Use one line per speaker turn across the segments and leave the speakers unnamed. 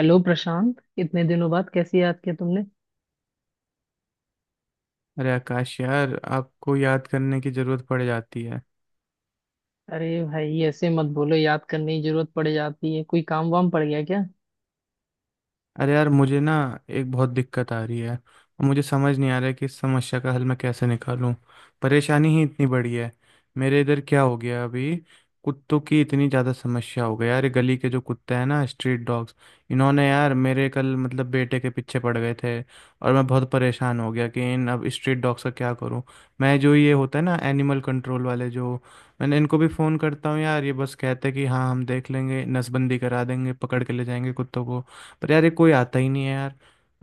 Hello Prashant, इतने दिनों बाद कैसे याद किया तुमने।
अरे आकाश यार, आपको याद करने की जरूरत पड़ जाती है।
अरे भाई ऐसे मत बोलो, याद करने की जरूरत पड़ जाती है, कोई काम वाम पड़ गया क्या।
अरे यार, मुझे एक बहुत दिक्कत आ रही है और मुझे समझ नहीं आ रहा है कि इस समस्या का हल मैं कैसे निकालूं। परेशानी ही इतनी बड़ी है। मेरे इधर क्या हो गया अभी। कुत्तों की इतनी ज़्यादा समस्या हो गई यार, ये गली के जो कुत्ते हैं ना, स्ट्रीट डॉग्स, इन्होंने यार मेरे कल बेटे के पीछे पड़ गए थे। और मैं बहुत परेशान हो गया कि इन अब स्ट्रीट डॉग्स का क्या करूं। मैं जो ये होता है ना, एनिमल कंट्रोल वाले जो, मैंने इनको भी फ़ोन करता हूँ यार, ये बस कहते हैं कि हाँ हम देख लेंगे, नसबंदी करा देंगे, पकड़ के ले जाएंगे कुत्तों को। पर यार ये कोई आता ही नहीं है यार।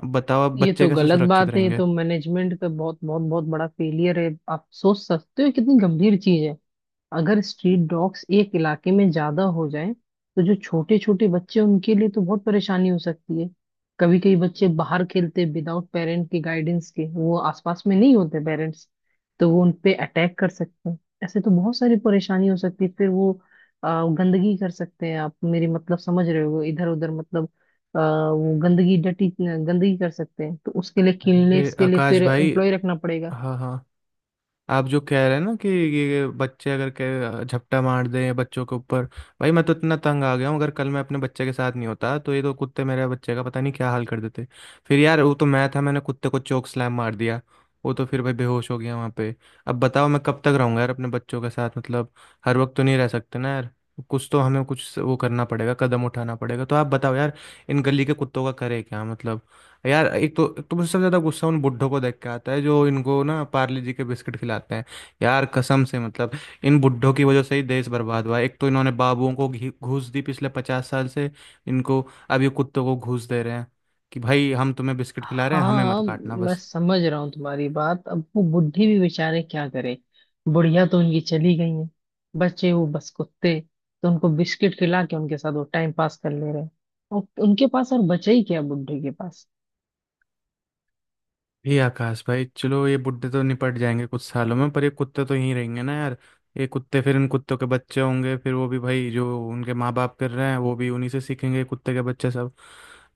अब बताओ, अब
ये
बच्चे
तो
कैसे
गलत
सुरक्षित
बात है, ये
रहेंगे।
तो मैनेजमेंट का बहुत बहुत बहुत बड़ा फेलियर है। आप सोच सकते हो कितनी गंभीर चीज है। अगर स्ट्रीट डॉग्स एक इलाके में ज्यादा हो जाएं तो जो छोटे छोटे बच्चे हैं, उनके लिए तो बहुत परेशानी हो सकती है। कभी कभी बच्चे बाहर खेलते विदाउट पेरेंट के गाइडेंस के, वो आसपास में नहीं होते पेरेंट्स, तो वो उन पे अटैक कर सकते हैं। ऐसे तो बहुत सारी परेशानी हो सकती है। फिर वो गंदगी कर सकते हैं। आप मेरी मतलब समझ रहे हो, इधर उधर मतलब आ, वो गंदगी, डटी गंदगी कर सकते हैं, तो उसके लिए
अरे
क्लीननेस के लिए
आकाश
फिर
भाई।
एम्प्लॉय रखना पड़ेगा।
हाँ हाँ। आप जो कह रहे हैं ना कि ये बच्चे अगर के झपटा मार दें बच्चों के ऊपर, भाई मैं तो इतना तंग आ गया हूँ। अगर कल मैं अपने बच्चे के साथ नहीं होता तो ये तो कुत्ते मेरे बच्चे का पता नहीं क्या हाल कर देते। फिर यार वो तो मैं था, मैंने कुत्ते को चोक स्लैम मार दिया। वो तो फिर भाई बेहोश हो गया वहाँ पे। अब बताओ, मैं कब तक रहूँगा यार अपने बच्चों के साथ हर वक्त तो नहीं रह सकते ना यार। कुछ तो हमें कुछ वो करना पड़ेगा, कदम उठाना पड़ेगा। तो आप बताओ यार, इन गली के कुत्तों का करे क्या यार एक तो मुझे सबसे ज्यादा गुस्सा उन बुड्ढों को देख के आता है जो इनको ना पार्ले जी के बिस्किट खिलाते हैं। यार कसम से इन बुड्ढों की वजह से ही देश बर्बाद हुआ है। एक तो इन्होंने बाबुओं को घूस दी पिछले 50 साल से, इनको। अब ये कुत्तों को घूस दे रहे हैं कि भाई हम तुम्हें बिस्किट खिला रहे हैं, हमें
हाँ,
मत काटना
मैं
बस।
समझ रहा हूँ तुम्हारी बात। अब वो बुढ़ी भी बेचारे क्या करे, बुढ़िया तो उनकी चली गई है, बचे वो बस कुत्ते, तो उनको बिस्किट खिला के उनके साथ वो टाइम पास कर ले रहे हैं। और उनके पास और बचा ही क्या बुढ़े के पास।
ये आकाश भाई, चलो ये बुड्ढे तो निपट जाएंगे कुछ सालों में, पर ये कुत्ते तो यहीं रहेंगे ना यार। ये कुत्ते, फिर इन कुत्तों के बच्चे होंगे, फिर वो भी भाई जो उनके माँ बाप कर रहे हैं वो भी उन्हीं से सीखेंगे, कुत्ते के बच्चे सब।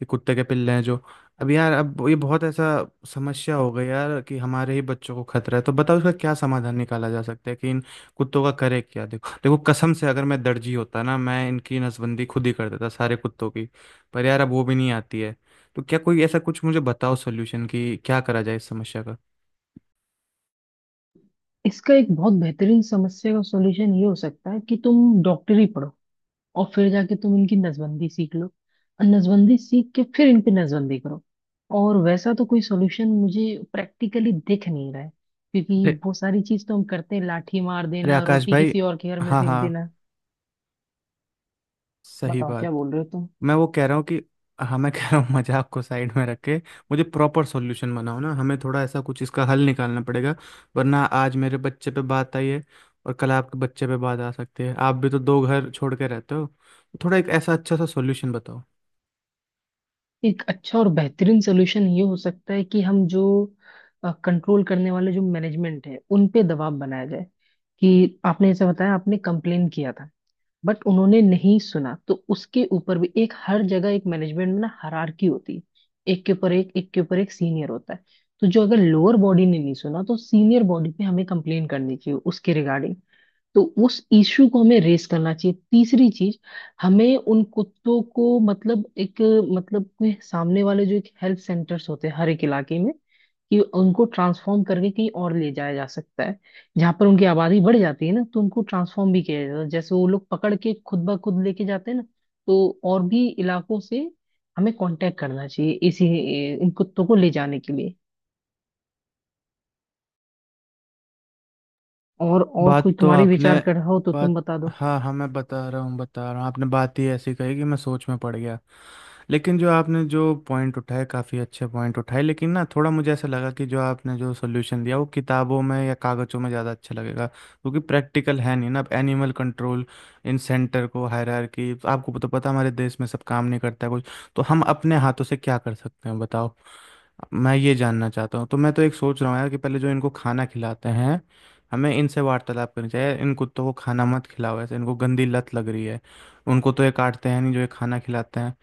ये कुत्ते के पिल्ले हैं जो। अब यार अब ये बहुत ऐसा समस्या हो गई यार कि हमारे ही बच्चों को खतरा है। तो बताओ इसका क्या समाधान निकाला जा सकता है कि इन कुत्तों का करे क्या। देखो देखो कसम से अगर मैं दर्जी होता ना मैं इनकी नसबंदी खुद ही कर देता सारे कुत्तों की। पर यार अब वो भी नहीं आती है। तो क्या कोई ऐसा कुछ मुझे बताओ सोल्यूशन कि क्या करा जाए इस समस्या का।
इसका एक बहुत बेहतरीन समस्या का सॉल्यूशन ये हो सकता है कि तुम डॉक्टरी पढ़ो, और फिर जाके तुम इनकी नसबंदी सीख लो, और नसबंदी सीख के फिर इन पे नसबंदी करो। और वैसा तो कोई सॉल्यूशन मुझे प्रैक्टिकली दिख नहीं रहा है, क्योंकि
अरे
वो सारी चीज तो हम करते हैं, लाठी मार
अरे
देना,
आकाश
रोटी
भाई।
किसी और के घर में
हाँ
फेंक
हाँ,
देना।
सही
बताओ
बात।
क्या बोल रहे हो तुम।
मैं वो कह रहा हूँ कि, हाँ मैं कह रहा हूँ, मजाक को साइड में रख के मुझे प्रॉपर सॉल्यूशन बनाओ ना। हमें थोड़ा ऐसा कुछ इसका हल निकालना पड़ेगा, वरना आज मेरे बच्चे पे बात आई है और कल आपके बच्चे पे बात आ सकती है। आप भी तो दो घर छोड़ के रहते हो। तो थोड़ा एक ऐसा अच्छा सा सॉल्यूशन बताओ।
एक अच्छा और बेहतरीन सोल्यूशन ये हो सकता है कि हम जो कंट्रोल करने वाले जो मैनेजमेंट है उन पे दबाव बनाया जाए, कि आपने ऐसा बताया, आपने कंप्लेन किया था बट उन्होंने नहीं सुना। तो उसके ऊपर भी एक, हर जगह एक मैनेजमेंट में ना हायरार्की होती है, एक के ऊपर एक, एक के ऊपर एक सीनियर होता है। तो जो अगर लोअर बॉडी ने नहीं सुना तो सीनियर बॉडी पे हमें कंप्लेन करनी चाहिए उसके रिगार्डिंग। तो उस इश्यू को हमें रेस करना चाहिए। तीसरी चीज, हमें उन कुत्तों को मतलब एक, मतलब कोई सामने वाले जो एक हेल्थ सेंटर्स होते हैं हर एक इलाके में, कि उनको ट्रांसफॉर्म करके कहीं और ले जाया जा सकता है। जहां पर उनकी आबादी बढ़ जाती है ना, तो उनको ट्रांसफॉर्म भी किया जाता है, जैसे वो लोग पकड़ के खुद ब खुद लेके जाते हैं ना। तो और भी इलाकों से हमें कांटेक्ट करना चाहिए इसी, इन कुत्तों को ले जाने के लिए। और कोई
बात तो
तुम्हारे
आपने
विचार कर रहा हो तो तुम
बात
बता दो।
हाँ हाँ, मैं बता रहा हूँ, आपने बात ही ऐसी कही कि मैं सोच में पड़ गया। लेकिन जो आपने जो पॉइंट उठाए, काफ़ी अच्छे पॉइंट उठाए, लेकिन ना थोड़ा मुझे ऐसा लगा कि जो आपने जो सोल्यूशन दिया वो किताबों में या कागज़ों में ज़्यादा अच्छा लगेगा, क्योंकि प्रैक्टिकल है नहीं ना। अब एनिमल कंट्रोल, इन सेंटर को, हायरार्की, आपको तो पता हमारे देश में सब काम नहीं करता है कुछ। तो हम अपने हाथों से क्या कर सकते हैं बताओ, मैं ये जानना चाहता हूँ। तो मैं तो एक सोच रहा हूँ यार कि पहले जो इनको खाना खिलाते हैं, हमें इनसे वार्तालाप करनी चाहिए। इन कुत्तों को खाना मत खिलाओ ऐसे, इनको गंदी लत लग रही है। उनको तो ये काटते हैं नहीं जो ये खाना खिलाते हैं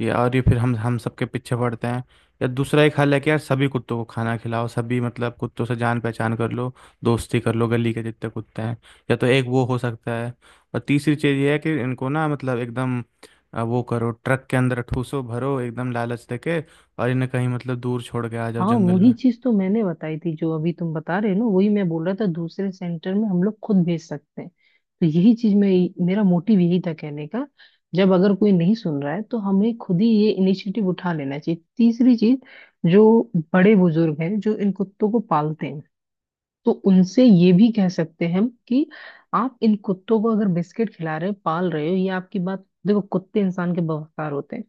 ये, और ये फिर हम सबके पीछे पड़ते हैं। या दूसरा एक हल है कि यार सभी कुत्तों को खाना खिलाओ, सभी मतलब कुत्तों से जान पहचान कर लो, दोस्ती कर लो गली के जितने कुत्ते हैं। या तो एक वो हो सकता है। और तीसरी चीज़ ये है कि इनको ना मतलब एकदम वो करो, ट्रक के अंदर ठूसो भरो एकदम लालच देके, और इन्हें कहीं मतलब दूर छोड़ के आ जाओ
हाँ,
जंगल
वही
में।
चीज तो मैंने बताई थी, जो अभी तुम बता रहे हो ना, वही मैं बोल रहा था, दूसरे सेंटर में हम लोग खुद भेज सकते हैं। तो यही चीज, मैं मेरा मोटिव यही था कहने का, जब अगर कोई नहीं सुन रहा है तो हमें खुद ही ये इनिशिएटिव उठा लेना चाहिए। तीसरी चीज, जो बड़े बुजुर्ग हैं जो इन कुत्तों को पालते हैं, तो उनसे ये भी कह सकते हैं हम कि आप इन कुत्तों को अगर बिस्किट खिला रहे हो, पाल रहे हो, ये आपकी बात, देखो कुत्ते इंसान के बफादार होते हैं,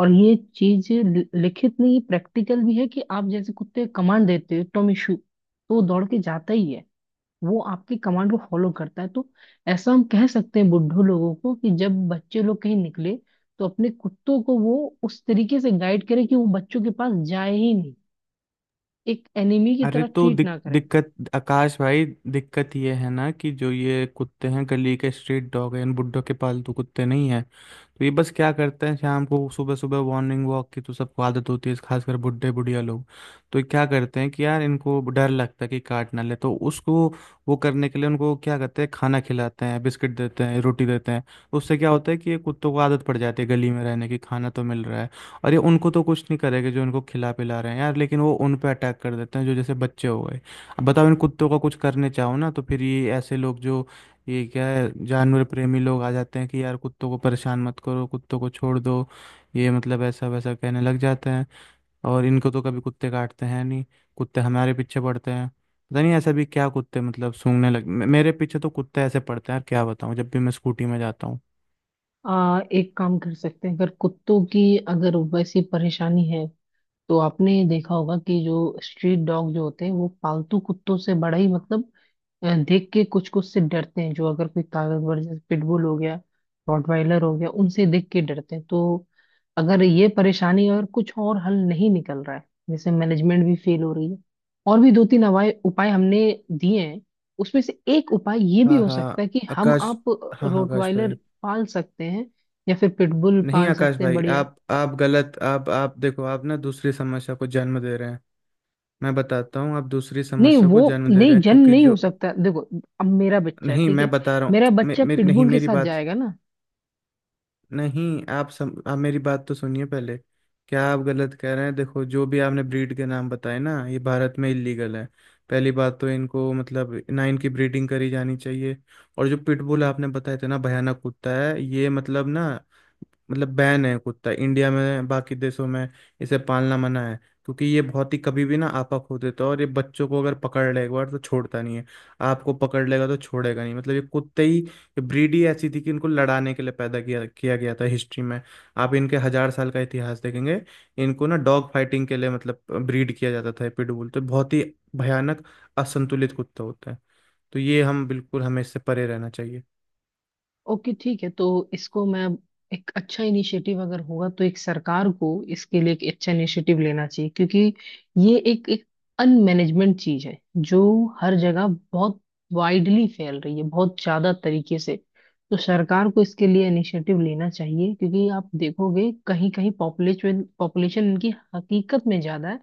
और ये चीज लिखित नहीं प्रैक्टिकल भी है कि आप जैसे कुत्ते को कमांड देते हो टॉमी शू, तो वो दौड़ के जाता ही है, वो आपकी कमांड को फॉलो करता है। तो ऐसा हम कह सकते हैं बुड्ढों लोगों को कि जब बच्चे लोग कहीं निकले तो अपने कुत्तों को वो उस तरीके से गाइड करे कि वो बच्चों के पास जाए ही नहीं, एक एनिमी की
अरे
तरह
तो
ट्रीट ना करे।
दिक्कत आकाश भाई, दिक्कत ये है ना कि जो ये कुत्ते हैं गली के, स्ट्रीट डॉग हैं, इन बुड्ढों के पालतू कुत्ते नहीं है। तो ये बस क्या करते हैं, शाम को सुबह सुबह मॉर्निंग वॉक की तो सबको आदत होती है, खासकर बुढ़े बुढ़िया लोग। तो ये क्या करते हैं कि यार इनको डर लगता है कि काट ना ले। तो उसको वो करने के लिए उनको क्या करते हैं, खाना खिलाते हैं, बिस्किट देते हैं, रोटी देते हैं। तो उससे क्या होता है कि ये कुत्तों को आदत पड़ जाती है गली में रहने की, खाना तो मिल रहा है। और ये उनको तो कुछ नहीं करेगा जो इनको खिला पिला रहे हैं यार, लेकिन वो उन पे अटैक कर देते हैं जो जैसे बच्चे हो गए। अब बताओ इन कुत्तों का कुछ करने चाहो ना, तो फिर ये ऐसे लोग जो, ये क्या है जानवर प्रेमी लोग आ जाते हैं कि यार कुत्तों को परेशान मत करो, कुत्तों को छोड़ दो। ये मतलब ऐसा वैसा कहने लग जाते हैं। और इनको तो कभी कुत्ते काटते हैं नहीं, कुत्ते हमारे पीछे पड़ते हैं। पता नहीं ऐसा भी क्या, कुत्ते मतलब सूंघने मेरे पीछे तो कुत्ते ऐसे पड़ते हैं यार, क्या बताऊँ, जब भी मैं स्कूटी में जाता हूँ।
एक काम कर सकते हैं, अगर कुत्तों की अगर वैसी परेशानी है तो आपने देखा होगा कि जो स्ट्रीट डॉग जो होते हैं वो पालतू कुत्तों से बड़ा ही मतलब, या देख के कुछ कुछ से डरते हैं, जो अगर कोई ताकतवर जैसे पिटबुल हो गया, रॉटवाइलर हो गया, उनसे देख के डरते हैं। तो अगर ये परेशानी, अगर कुछ और हल नहीं निकल रहा है, जैसे मैनेजमेंट भी फेल हो रही है, और भी दो तीन उपाय उपाय हमने दिए हैं, उसमें से एक उपाय ये भी
हाँ
हो सकता
हाँ
है कि हम
आकाश।
आप
हाँ हाँ आकाश
रोटवाइलर
भाई।
पाल सकते हैं, या फिर पिटबुल
नहीं
पाल
आकाश
सकते हैं,
भाई,
बढ़िया।
आप गलत, आप देखो, आप ना दूसरी समस्या को जन्म दे रहे हैं। मैं बताता हूँ, आप दूसरी
नहीं
समस्या को
वो,
जन्म दे रहे
नहीं
हैं
जन
क्योंकि
नहीं हो
जो,
सकता, देखो अब मेरा बच्चा है
नहीं
ठीक
मैं
है,
बता रहा हूँ
मेरा
मे,
बच्चा
मे, नहीं
पिटबुल के
मेरी
साथ
बात,
जाएगा ना।
नहीं आप मेरी बात तो सुनिए पहले। क्या आप गलत कह रहे हैं। देखो जो भी आपने ब्रीड के नाम बताए ना, ये भारत में इलीगल है। पहली बात तो इनको मतलब ना इनकी ब्रीडिंग करी जानी चाहिए। और जो पिटबुल आपने बताए थे ना, भयानक कुत्ता है ये मतलब ना, मतलब बैन है कुत्ता इंडिया में, बाकी देशों में इसे पालना मना है। क्योंकि ये बहुत ही कभी भी ना आपा खो देता है, और ये बच्चों को अगर पकड़ लेगा एक बार तो छोड़ता नहीं है। आपको पकड़ लेगा तो छोड़ेगा नहीं। मतलब ये कुत्ते ही, ये ब्रीड ही ऐसी थी कि इनको लड़ाने के लिए पैदा किया किया गया था हिस्ट्री में। आप इनके 1,000 साल का इतिहास देखेंगे, इनको ना डॉग फाइटिंग के लिए मतलब ब्रीड किया जाता था। पिटबुल तो बहुत ही भयानक, असंतुलित कुत्ता होता है। तो ये हम बिल्कुल, हमें इससे परे रहना चाहिए।
ओके ठीक है, तो इसको मैं, एक अच्छा इनिशिएटिव अगर होगा तो एक सरकार को इसके लिए एक अच्छा इनिशिएटिव लेना चाहिए, क्योंकि ये एक एक अनमैनेजमेंट चीज है, जो हर जगह बहुत वाइडली फैल रही है, बहुत ज्यादा तरीके से। तो सरकार को इसके लिए इनिशिएटिव लेना चाहिए, क्योंकि आप देखोगे कहीं कहीं पॉपुलेशन पॉपुलेशन इनकी हकीकत में ज्यादा है।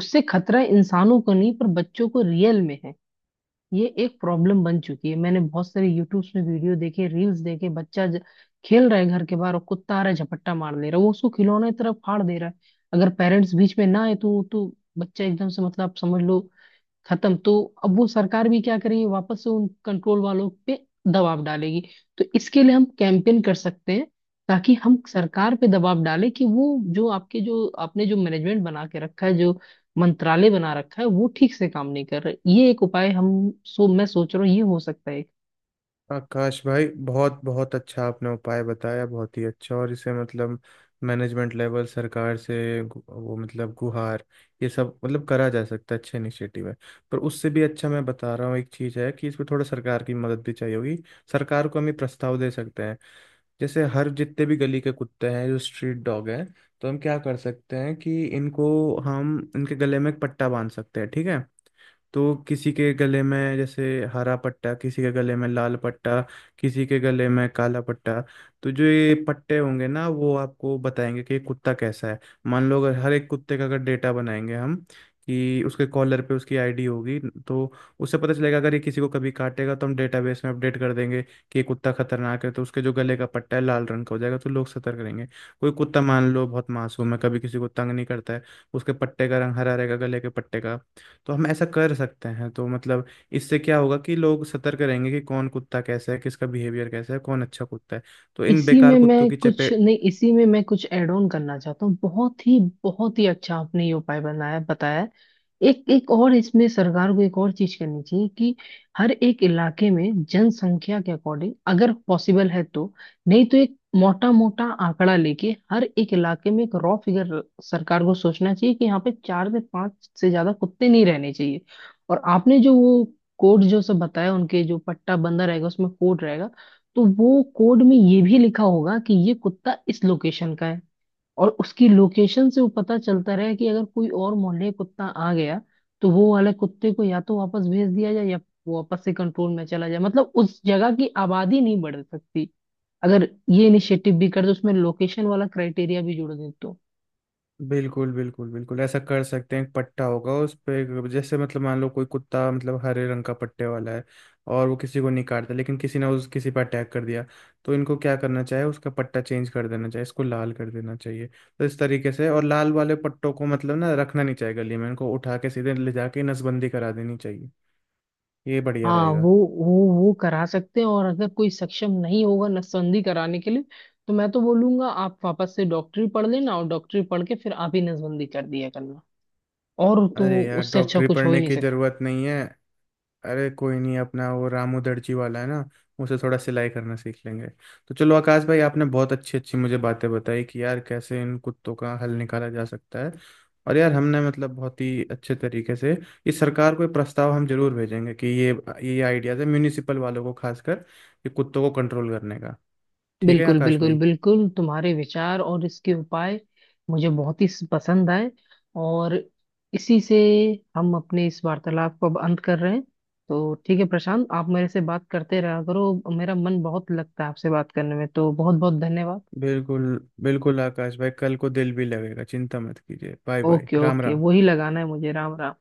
उससे खतरा इंसानों को नहीं पर बच्चों को रियल में है। ये एक प्रॉब्लम बन चुकी है, मैंने बहुत सारे यूट्यूब्स में वीडियो देखे, रील्स देखे, खेल रहा है घर के बाहर और कुत्ता आ रहा है, झपट्टा मार दे रहा है, वो उसको खिलौने की तरफ फाड़ दे रहा है। अगर पेरेंट्स बीच में ना आए तो बच्चा एकदम से मतलब आप समझ लो खत्म। तो अब वो सरकार भी क्या करेगी, वापस से उन कंट्रोल वालों पे दबाव डालेगी। तो इसके लिए हम कैंपेन कर सकते हैं, ताकि हम सरकार पे दबाव डालें कि वो जो आपके जो आपने जो मैनेजमेंट बना के रखा है, जो मंत्रालय बना रखा है, वो ठीक से काम नहीं कर रहे। ये एक उपाय हम, सो मैं सोच रहा हूँ ये हो सकता है।
आकाश भाई बहुत बहुत अच्छा आपने उपाय बताया, बहुत ही अच्छा। और इसे मतलब मैनेजमेंट लेवल, सरकार से वो मतलब गुहार, ये सब मतलब करा जा सकता है, अच्छे इनिशिएटिव है। पर उससे भी अच्छा मैं बता रहा हूँ, एक चीज़ है कि इसमें थोड़ा सरकार की मदद भी चाहिए होगी। सरकार को हम ये प्रस्ताव दे सकते हैं, जैसे हर जितने भी गली के कुत्ते हैं जो स्ट्रीट डॉग हैं, तो हम क्या कर सकते हैं कि इनको, हम इनके गले में एक पट्टा बांध सकते हैं, ठीक है। तो किसी के गले में जैसे हरा पट्टा, किसी के गले में लाल पट्टा, किसी के गले में काला पट्टा। तो जो ये पट्टे होंगे ना, वो आपको बताएंगे कि ये कुत्ता कैसा है। मान लो अगर हर एक कुत्ते का अगर डेटा बनाएंगे हम, कि उसके कॉलर पे उसकी आईडी होगी, तो उससे पता चलेगा। अगर ये किसी को कभी काटेगा तो हम डेटाबेस में अपडेट कर देंगे कि ये कुत्ता खतरनाक है, तो उसके जो गले का पट्टा है लाल रंग का हो जाएगा, तो लोग सतर्क रहेंगे। कोई कुत्ता मान लो बहुत मासूम है, कभी किसी को तंग नहीं करता है, उसके पट्टे का रंग हरा रहेगा, गले के पट्टे का। तो हम ऐसा कर सकते हैं। तो मतलब इससे क्या होगा कि लोग सतर्क रहेंगे कि कौन कुत्ता कैसा है, किसका बिहेवियर कैसा है, कौन अच्छा कुत्ता है। तो इन
इसी
बेकार
में
कुत्तों
मैं
की
कुछ
चपेट।
नहीं, इसी में मैं कुछ ऐड ऑन करना चाहता हूँ। बहुत ही अच्छा आपने ये उपाय बनाया बताया है। एक एक और इसमें सरकार को एक और चीज करनी चाहिए कि हर एक इलाके में जनसंख्या के अकॉर्डिंग अगर पॉसिबल है तो, नहीं तो एक मोटा मोटा आंकड़ा लेके, हर एक इलाके में एक रॉ फिगर सरकार को सोचना चाहिए कि यहाँ पे चार से पांच से ज्यादा कुत्ते नहीं रहने चाहिए। और आपने जो वो कोड जो सब बताया, उनके जो पट्टा बंदा रहेगा उसमें कोड रहेगा, तो वो कोड में ये भी लिखा होगा कि ये कुत्ता इस लोकेशन का है। और उसकी लोकेशन से वो पता चलता रहे कि अगर कोई और मोहल्ले कुत्ता आ गया, तो वो वाले कुत्ते को या तो वापस भेज दिया जाए, या वो वापस से कंट्रोल में चला जाए, मतलब उस जगह की आबादी नहीं बढ़ सकती। अगर ये इनिशिएटिव भी कर दो, उसमें लोकेशन वाला क्राइटेरिया भी जोड़ दे तो।
बिल्कुल बिल्कुल बिल्कुल, ऐसा कर सकते हैं। एक पट्टा होगा उस पे, जैसे मतलब मान लो कोई कुत्ता मतलब हरे रंग का पट्टे वाला है और वो किसी को नहीं काटता, लेकिन किसी ने उस, किसी पर अटैक कर दिया, तो इनको क्या करना चाहिए, उसका पट्टा चेंज कर देना चाहिए, इसको लाल कर देना चाहिए। तो इस तरीके से, और लाल वाले पट्टों को मतलब ना रखना नहीं चाहिए गली में, इनको उठा के सीधे ले जाके नसबंदी करा देनी चाहिए। ये बढ़िया
हाँ,
रहेगा।
वो वो करा सकते हैं, और अगर कोई सक्षम नहीं होगा नसबंदी कराने के लिए तो मैं तो बोलूंगा आप वापस से डॉक्टरी पढ़ लेना, और डॉक्टरी पढ़ के फिर आप ही नसबंदी कर दिया करना। और तो
अरे यार
उससे अच्छा
डॉक्टरी
कुछ हो ही
पढ़ने
नहीं
की
सकता।
जरूरत नहीं है। अरे कोई नहीं, अपना वो रामू दर्जी वाला है ना, उसे थोड़ा सिलाई करना सीख लेंगे। तो चलो आकाश भाई, आपने बहुत अच्छी अच्छी मुझे बातें बताई कि यार कैसे इन कुत्तों का हल निकाला जा सकता है। और यार हमने मतलब बहुत ही अच्छे तरीके से, इस सरकार को ये प्रस्ताव हम जरूर भेजेंगे कि ये आइडियाज है म्यूनिसिपल वालों को खासकर, ये कुत्तों को कंट्रोल करने का। ठीक है
बिल्कुल
आकाश
बिल्कुल
भाई।
बिल्कुल तुम्हारे विचार और इसके उपाय मुझे बहुत ही पसंद आए। और इसी से हम अपने इस वार्तालाप को अब अंत कर रहे हैं। तो ठीक है प्रशांत, आप मेरे से बात करते रहा करो, मेरा मन बहुत लगता है आपसे बात करने में, तो बहुत बहुत धन्यवाद।
बिल्कुल, बिल्कुल आकाश भाई, कल को दिल भी लगेगा, चिंता मत कीजिए। Bye bye,
okay
Ram
okay,
Ram.
वही लगाना है मुझे, राम राम।